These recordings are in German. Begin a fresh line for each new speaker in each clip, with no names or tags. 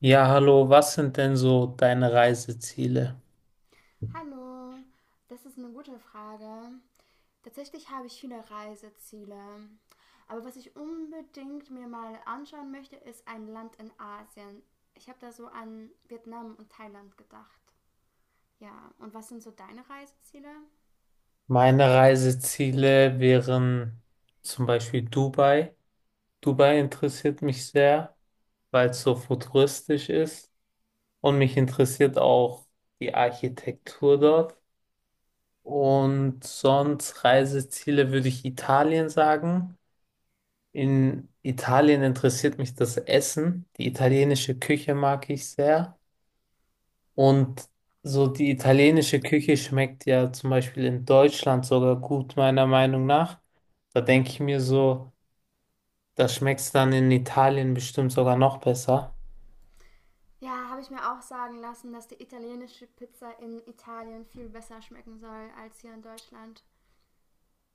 Ja, hallo, was sind denn so deine Reiseziele?
Hallo, das ist eine gute Frage. Tatsächlich habe ich viele Reiseziele. Aber was ich unbedingt mir mal anschauen möchte, ist ein Land in Asien. Ich habe da so an Vietnam und Thailand gedacht. Ja, und was sind so deine Reiseziele?
Meine Reiseziele wären zum Beispiel Dubai. Dubai interessiert mich sehr, weil es so futuristisch ist, und mich interessiert auch die Architektur dort. Und sonst Reiseziele würde ich Italien sagen. In Italien interessiert mich das Essen. Die italienische Küche mag ich sehr. Und so, die italienische Küche schmeckt ja zum Beispiel in Deutschland sogar gut, meiner Meinung nach. Da denke ich mir so, das schmeckt dann in Italien bestimmt sogar noch besser.
Ja, habe ich mir auch sagen lassen, dass die italienische Pizza in Italien viel besser schmecken soll als hier in Deutschland.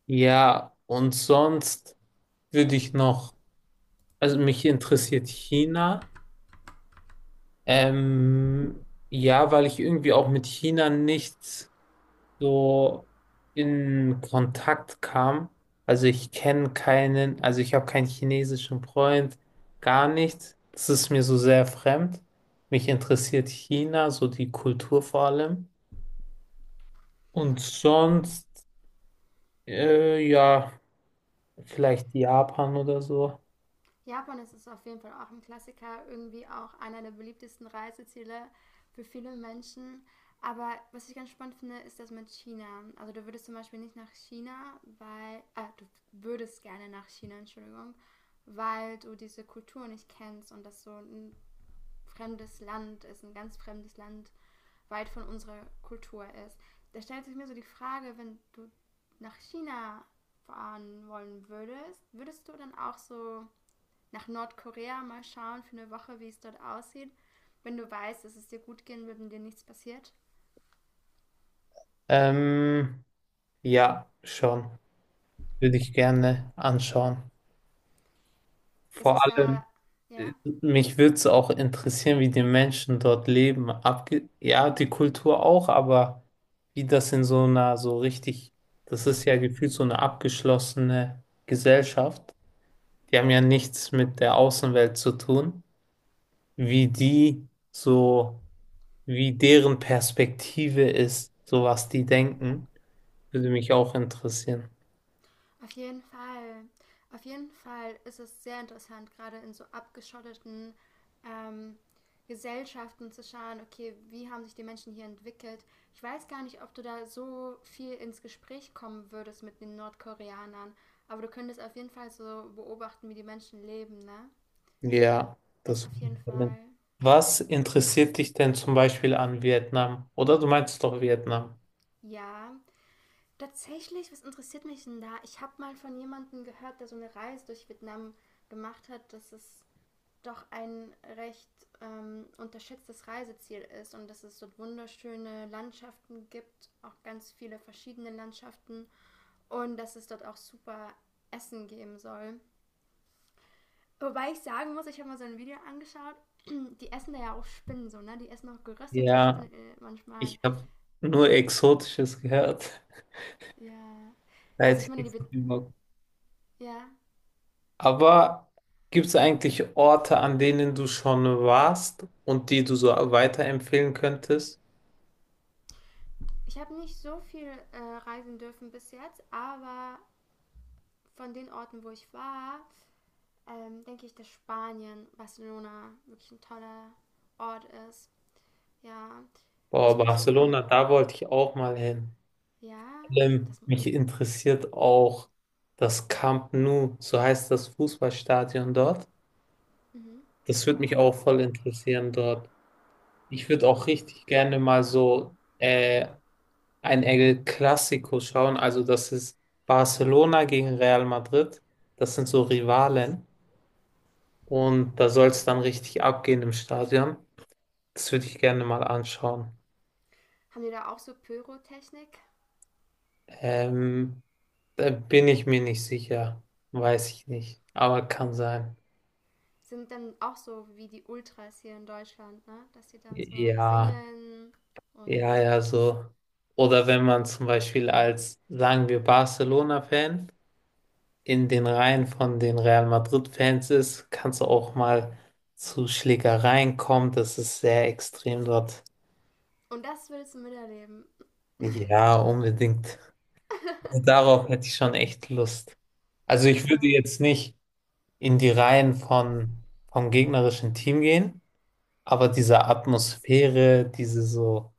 Ja, und sonst würde ich noch, also mich interessiert China. Ähm, ja, weil ich irgendwie auch mit China nichts, so in Kontakt kam. Also ich kenne keinen, also ich habe keinen chinesischen Freund, gar nichts. Das ist mir so sehr fremd. Mich interessiert China, so die Kultur vor allem. Und sonst, ja, vielleicht Japan oder so.
Japan ist es auf jeden Fall auch ein Klassiker, irgendwie auch einer der beliebtesten Reiseziele für viele Menschen. Aber was ich ganz spannend finde, ist das mit China. Also du würdest zum Beispiel nicht nach China, weil, du würdest gerne nach China, Entschuldigung, weil du diese Kultur nicht kennst und das so ein fremdes Land ist, ein ganz fremdes Land, weit von unserer Kultur ist. Da stellt sich mir so die Frage, wenn du nach China fahren wollen würdest, würdest du dann auch so nach Nordkorea, mal schauen für eine Woche, wie es dort aussieht. Wenn du weißt, dass es dir gut gehen wird und dir nichts passiert.
Ähm, ja, schon. Würde ich gerne anschauen.
Ist
Vor
es
allem.
da, ja,
Mich würde es auch interessieren, wie die Menschen dort leben. Abge ja, die Kultur auch, aber wie das in so einer so richtig, das ist ja gefühlt so eine abgeschlossene Gesellschaft. Die haben ja nichts mit der Außenwelt zu tun. Wie die so, wie deren Perspektive ist, so was die denken, würde mich auch interessieren.
auf jeden Fall. Auf jeden Fall ist es sehr interessant, gerade in so abgeschotteten ähm, Gesellschaften zu schauen, okay, wie haben sich die Menschen hier entwickelt. Ich weiß gar nicht, ob du da so viel ins Gespräch kommen würdest mit den Nordkoreanern, aber du könntest auf jeden Fall so beobachten, wie die Menschen leben, ne?
Ja,
Das
das.
auf jeden Fall.
Was interessiert dich denn zum Beispiel an Vietnam? Oder du meinst doch Vietnam?
Ja, tatsächlich, was interessiert mich denn da? Ich habe mal von jemandem gehört, der so eine Reise durch Vietnam gemacht hat, dass es doch ein recht unterschätztes Reiseziel ist und dass es dort wunderschöne Landschaften gibt, auch ganz viele verschiedene Landschaften und dass es dort auch super Essen geben soll. Wobei ich sagen muss, ich habe mal so ein Video angeschaut, die essen da ja auch Spinnen so, ne? Die essen auch geröstete
Ja,
Spinnen manchmal.
ich habe nur Exotisches gehört.
Ja.
Da
Also
hätte
ich meine,
ich
die...
nicht
Be
so viel Bock.
ja.
Aber gibt es eigentlich Orte, an denen du schon warst und die du so weiterempfehlen könntest?
Ich habe nicht so viel reisen dürfen bis jetzt, aber von den Orten, wo ich war, denke ich, dass Spanien, Barcelona wirklich ein toller Ort ist. Ja. Was
Boah,
würdest du,
Barcelona, da wollte ich auch mal hin.
ja,
Vor allem,
das,
mich interessiert auch das Camp Nou, so heißt das Fußballstadion dort.
mhm.
Das würde mich auch voll interessieren dort. Ich würde auch richtig gerne mal so ein El Clasico schauen. Also das ist Barcelona gegen Real Madrid. Das sind so Rivalen. Und da soll es dann richtig abgehen im Stadion. Das würde ich gerne mal anschauen.
Haben die da auch so Pyrotechnik?
Ähm, Da bin ich mir nicht sicher. Weiß ich nicht. Aber kann sein.
Sind dann auch so wie die Ultras hier in Deutschland, ne? Dass die dann so
Ja,
singen und,
ja, ja, so. Oder wenn man zum Beispiel als, sagen wir, Barcelona-Fan in den Reihen von den Real Madrid-Fans ist, kann es auch mal zu Schlägereien kommen. Das ist sehr extrem dort.
und das würdest du miterleben.
Ja, unbedingt. Also darauf hätte ich schon echt Lust. Also ich würde
Ja.
jetzt nicht in die Reihen von, vom gegnerischen Team gehen, aber diese Atmosphäre, diese so,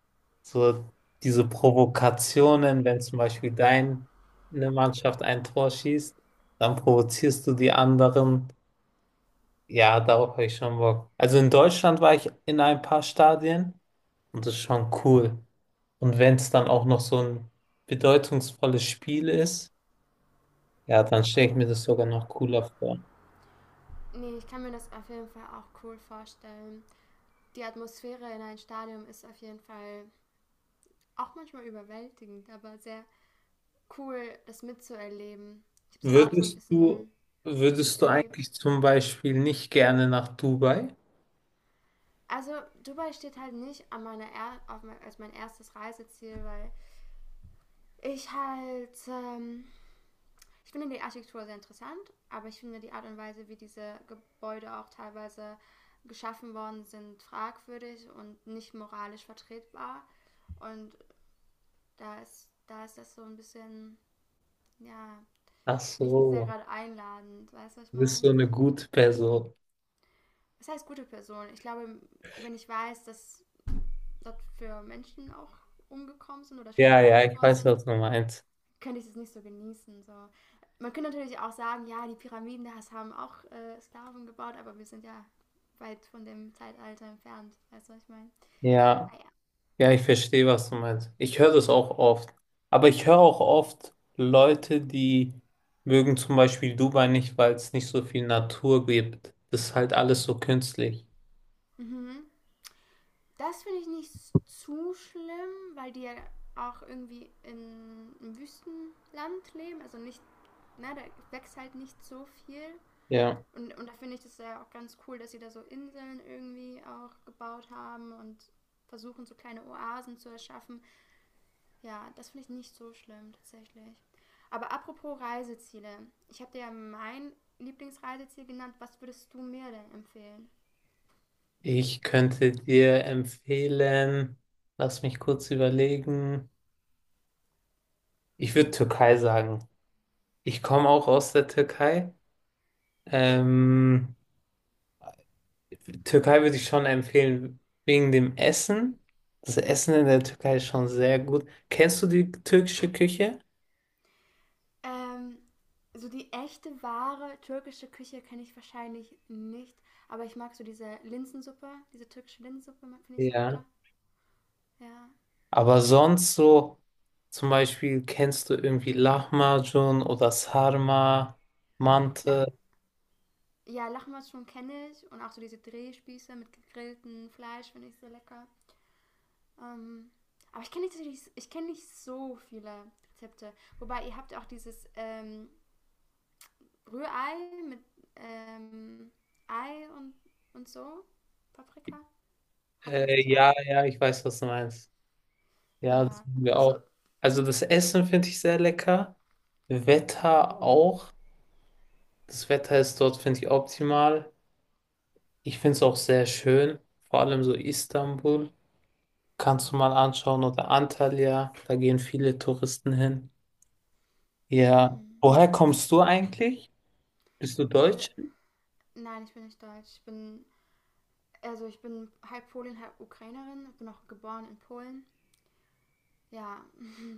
so diese Provokationen, wenn zum Beispiel deine Mannschaft ein Tor schießt, dann provozierst du die anderen. Ja, darauf habe ich schon Bock. Also in Deutschland war ich in ein paar Stadien und das ist schon cool. Und wenn es dann auch noch so ein bedeutungsvolles Spiel ist, ja, dann stelle ich mir das sogar noch cooler vor.
Nee, ich kann mir das auf jeden Fall auch cool vorstellen. Die Atmosphäre in einem Stadion ist auf jeden Fall auch manchmal überwältigend, aber sehr cool, das mitzuerleben. Ich habe es auch so ein
Würdest du,
bisschen
würdest du
miterlebt.
eigentlich zum Beispiel nicht gerne nach Dubai?
Also Dubai steht halt nicht an meiner er auf mein, als mein erstes Reiseziel, weil ich halt ich finde die Architektur sehr interessant, aber ich finde die Art und Weise, wie diese Gebäude auch teilweise geschaffen worden sind, fragwürdig und nicht moralisch vertretbar. Und da ist das so ein bisschen, ja,
Ach
nicht sehr
so,
gerade einladend, weißt du, was ich
du bist so
meine?
eine gute Person.
Das heißt gute Person. Ich glaube, wenn ich weiß, dass dort für Menschen auch umgekommen sind oder schlecht
Ja, ja,
behandelt
ich
worden
weiß,
sind,
was du meinst.
könnte ich das nicht so genießen. So. Man könnte natürlich auch sagen, ja, die Pyramiden das haben auch Sklaven gebaut, aber wir sind ja weit von dem Zeitalter entfernt, weißt du, was ich meine?
Ja.
Naja.
Ja, ich verstehe, was du meinst. Ich höre das auch oft. Aber ich höre auch oft Leute, die mögen zum Beispiel Dubai nicht, weil es nicht so viel Natur gibt. Das ist halt alles so künstlich.
Mhm. Das finde ich nicht zu schlimm, weil die ja auch irgendwie in einem Wüstenland leben. Also nicht, na, da wächst halt nicht so viel.
Ja.
Und da finde ich das ja auch ganz cool, dass sie da so Inseln irgendwie auch gebaut haben und versuchen, so kleine Oasen zu erschaffen. Ja, das finde ich nicht so schlimm tatsächlich. Aber apropos Reiseziele. Ich habe dir ja mein Lieblingsreiseziel genannt. Was würdest du mir denn empfehlen?
Ich könnte dir empfehlen, lass mich kurz überlegen. Ich würde Türkei sagen. Ich komme auch aus der Türkei. Ähm, Türkei würde ich schon empfehlen, wegen dem Essen. Das Essen in der Türkei ist schon sehr gut. Kennst du die türkische Küche?
Ähm, so die echte, wahre türkische Küche kenne ich wahrscheinlich nicht. Aber ich mag so diese Linsensuppe, diese türkische Linsensuppe finde ich sehr
Ja.
lecker. Ja.
Aber sonst so, zum Beispiel kennst du irgendwie Lahmacun oder Sarma,
Lach
Mante.
ja, Lachmatschum kenne ich und auch so diese Drehspieße mit gegrilltem Fleisch finde ich sehr lecker. Ähm, aber ich kenne nicht so viele Rezepte. Wobei ihr habt ja auch dieses Rührei mit ähm, Ei und so, Paprika. Habt ihr das nicht auch?
Ja, ja, ich weiß, was du meinst. Ja, das
Ja,
haben wir
also
auch. Also das Essen finde ich sehr lecker. Wetter auch. Das Wetter ist dort, finde ich, optimal. Ich finde es auch sehr schön. Vor allem so Istanbul. Kannst du mal anschauen oder Antalya. Da gehen viele Touristen hin. Ja.
hm.
Woher kommst du eigentlich? Bist du
Also,
Deutsch?
nein, ich bin nicht deutsch. Also ich bin halb Polin, halb Ukrainerin. Ich bin auch geboren in Polen. Ja,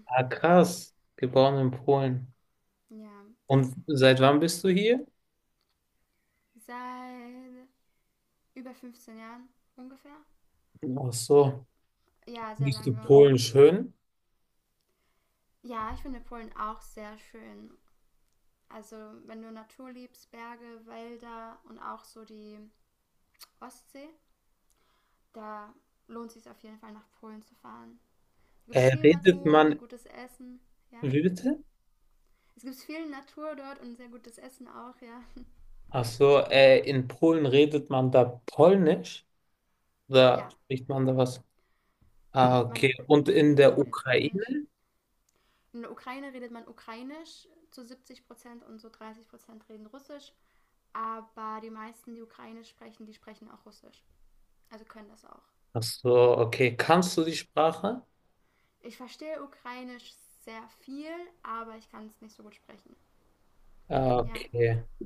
Ah, krass. Geboren in Polen.
ja.
Und seit wann bist du hier?
Seit über 15 Jahren ungefähr.
Ach so.
Ja, sehr
Bist du
lange.
Polen schön?
Ja, ich finde Polen auch sehr schön. Also, wenn du Natur liebst, Berge, Wälder und auch so die Ostsee, da lohnt es sich auf jeden Fall nach Polen zu fahren. Da gibt es viel
Redet
Natur und
man,
gutes Essen, ja.
wie bitte?
Es gibt viel Natur dort und sehr gutes Essen auch, ja.
Ach so, in Polen redet man da Polnisch? Oder
Ja,
spricht man da was? Ah,
Man,
okay. Und in
man
der
redet Polnisch.
Ukraine?
In der Ukraine redet man Ukrainisch zu 70% und so 30% reden Russisch. Aber die meisten, die Ukrainisch sprechen, die sprechen auch Russisch. Also können das auch.
Ach so, okay. Kannst du die Sprache?
Ich verstehe Ukrainisch sehr viel, aber ich kann es nicht so gut sprechen.
Ah,
Ja.
okay.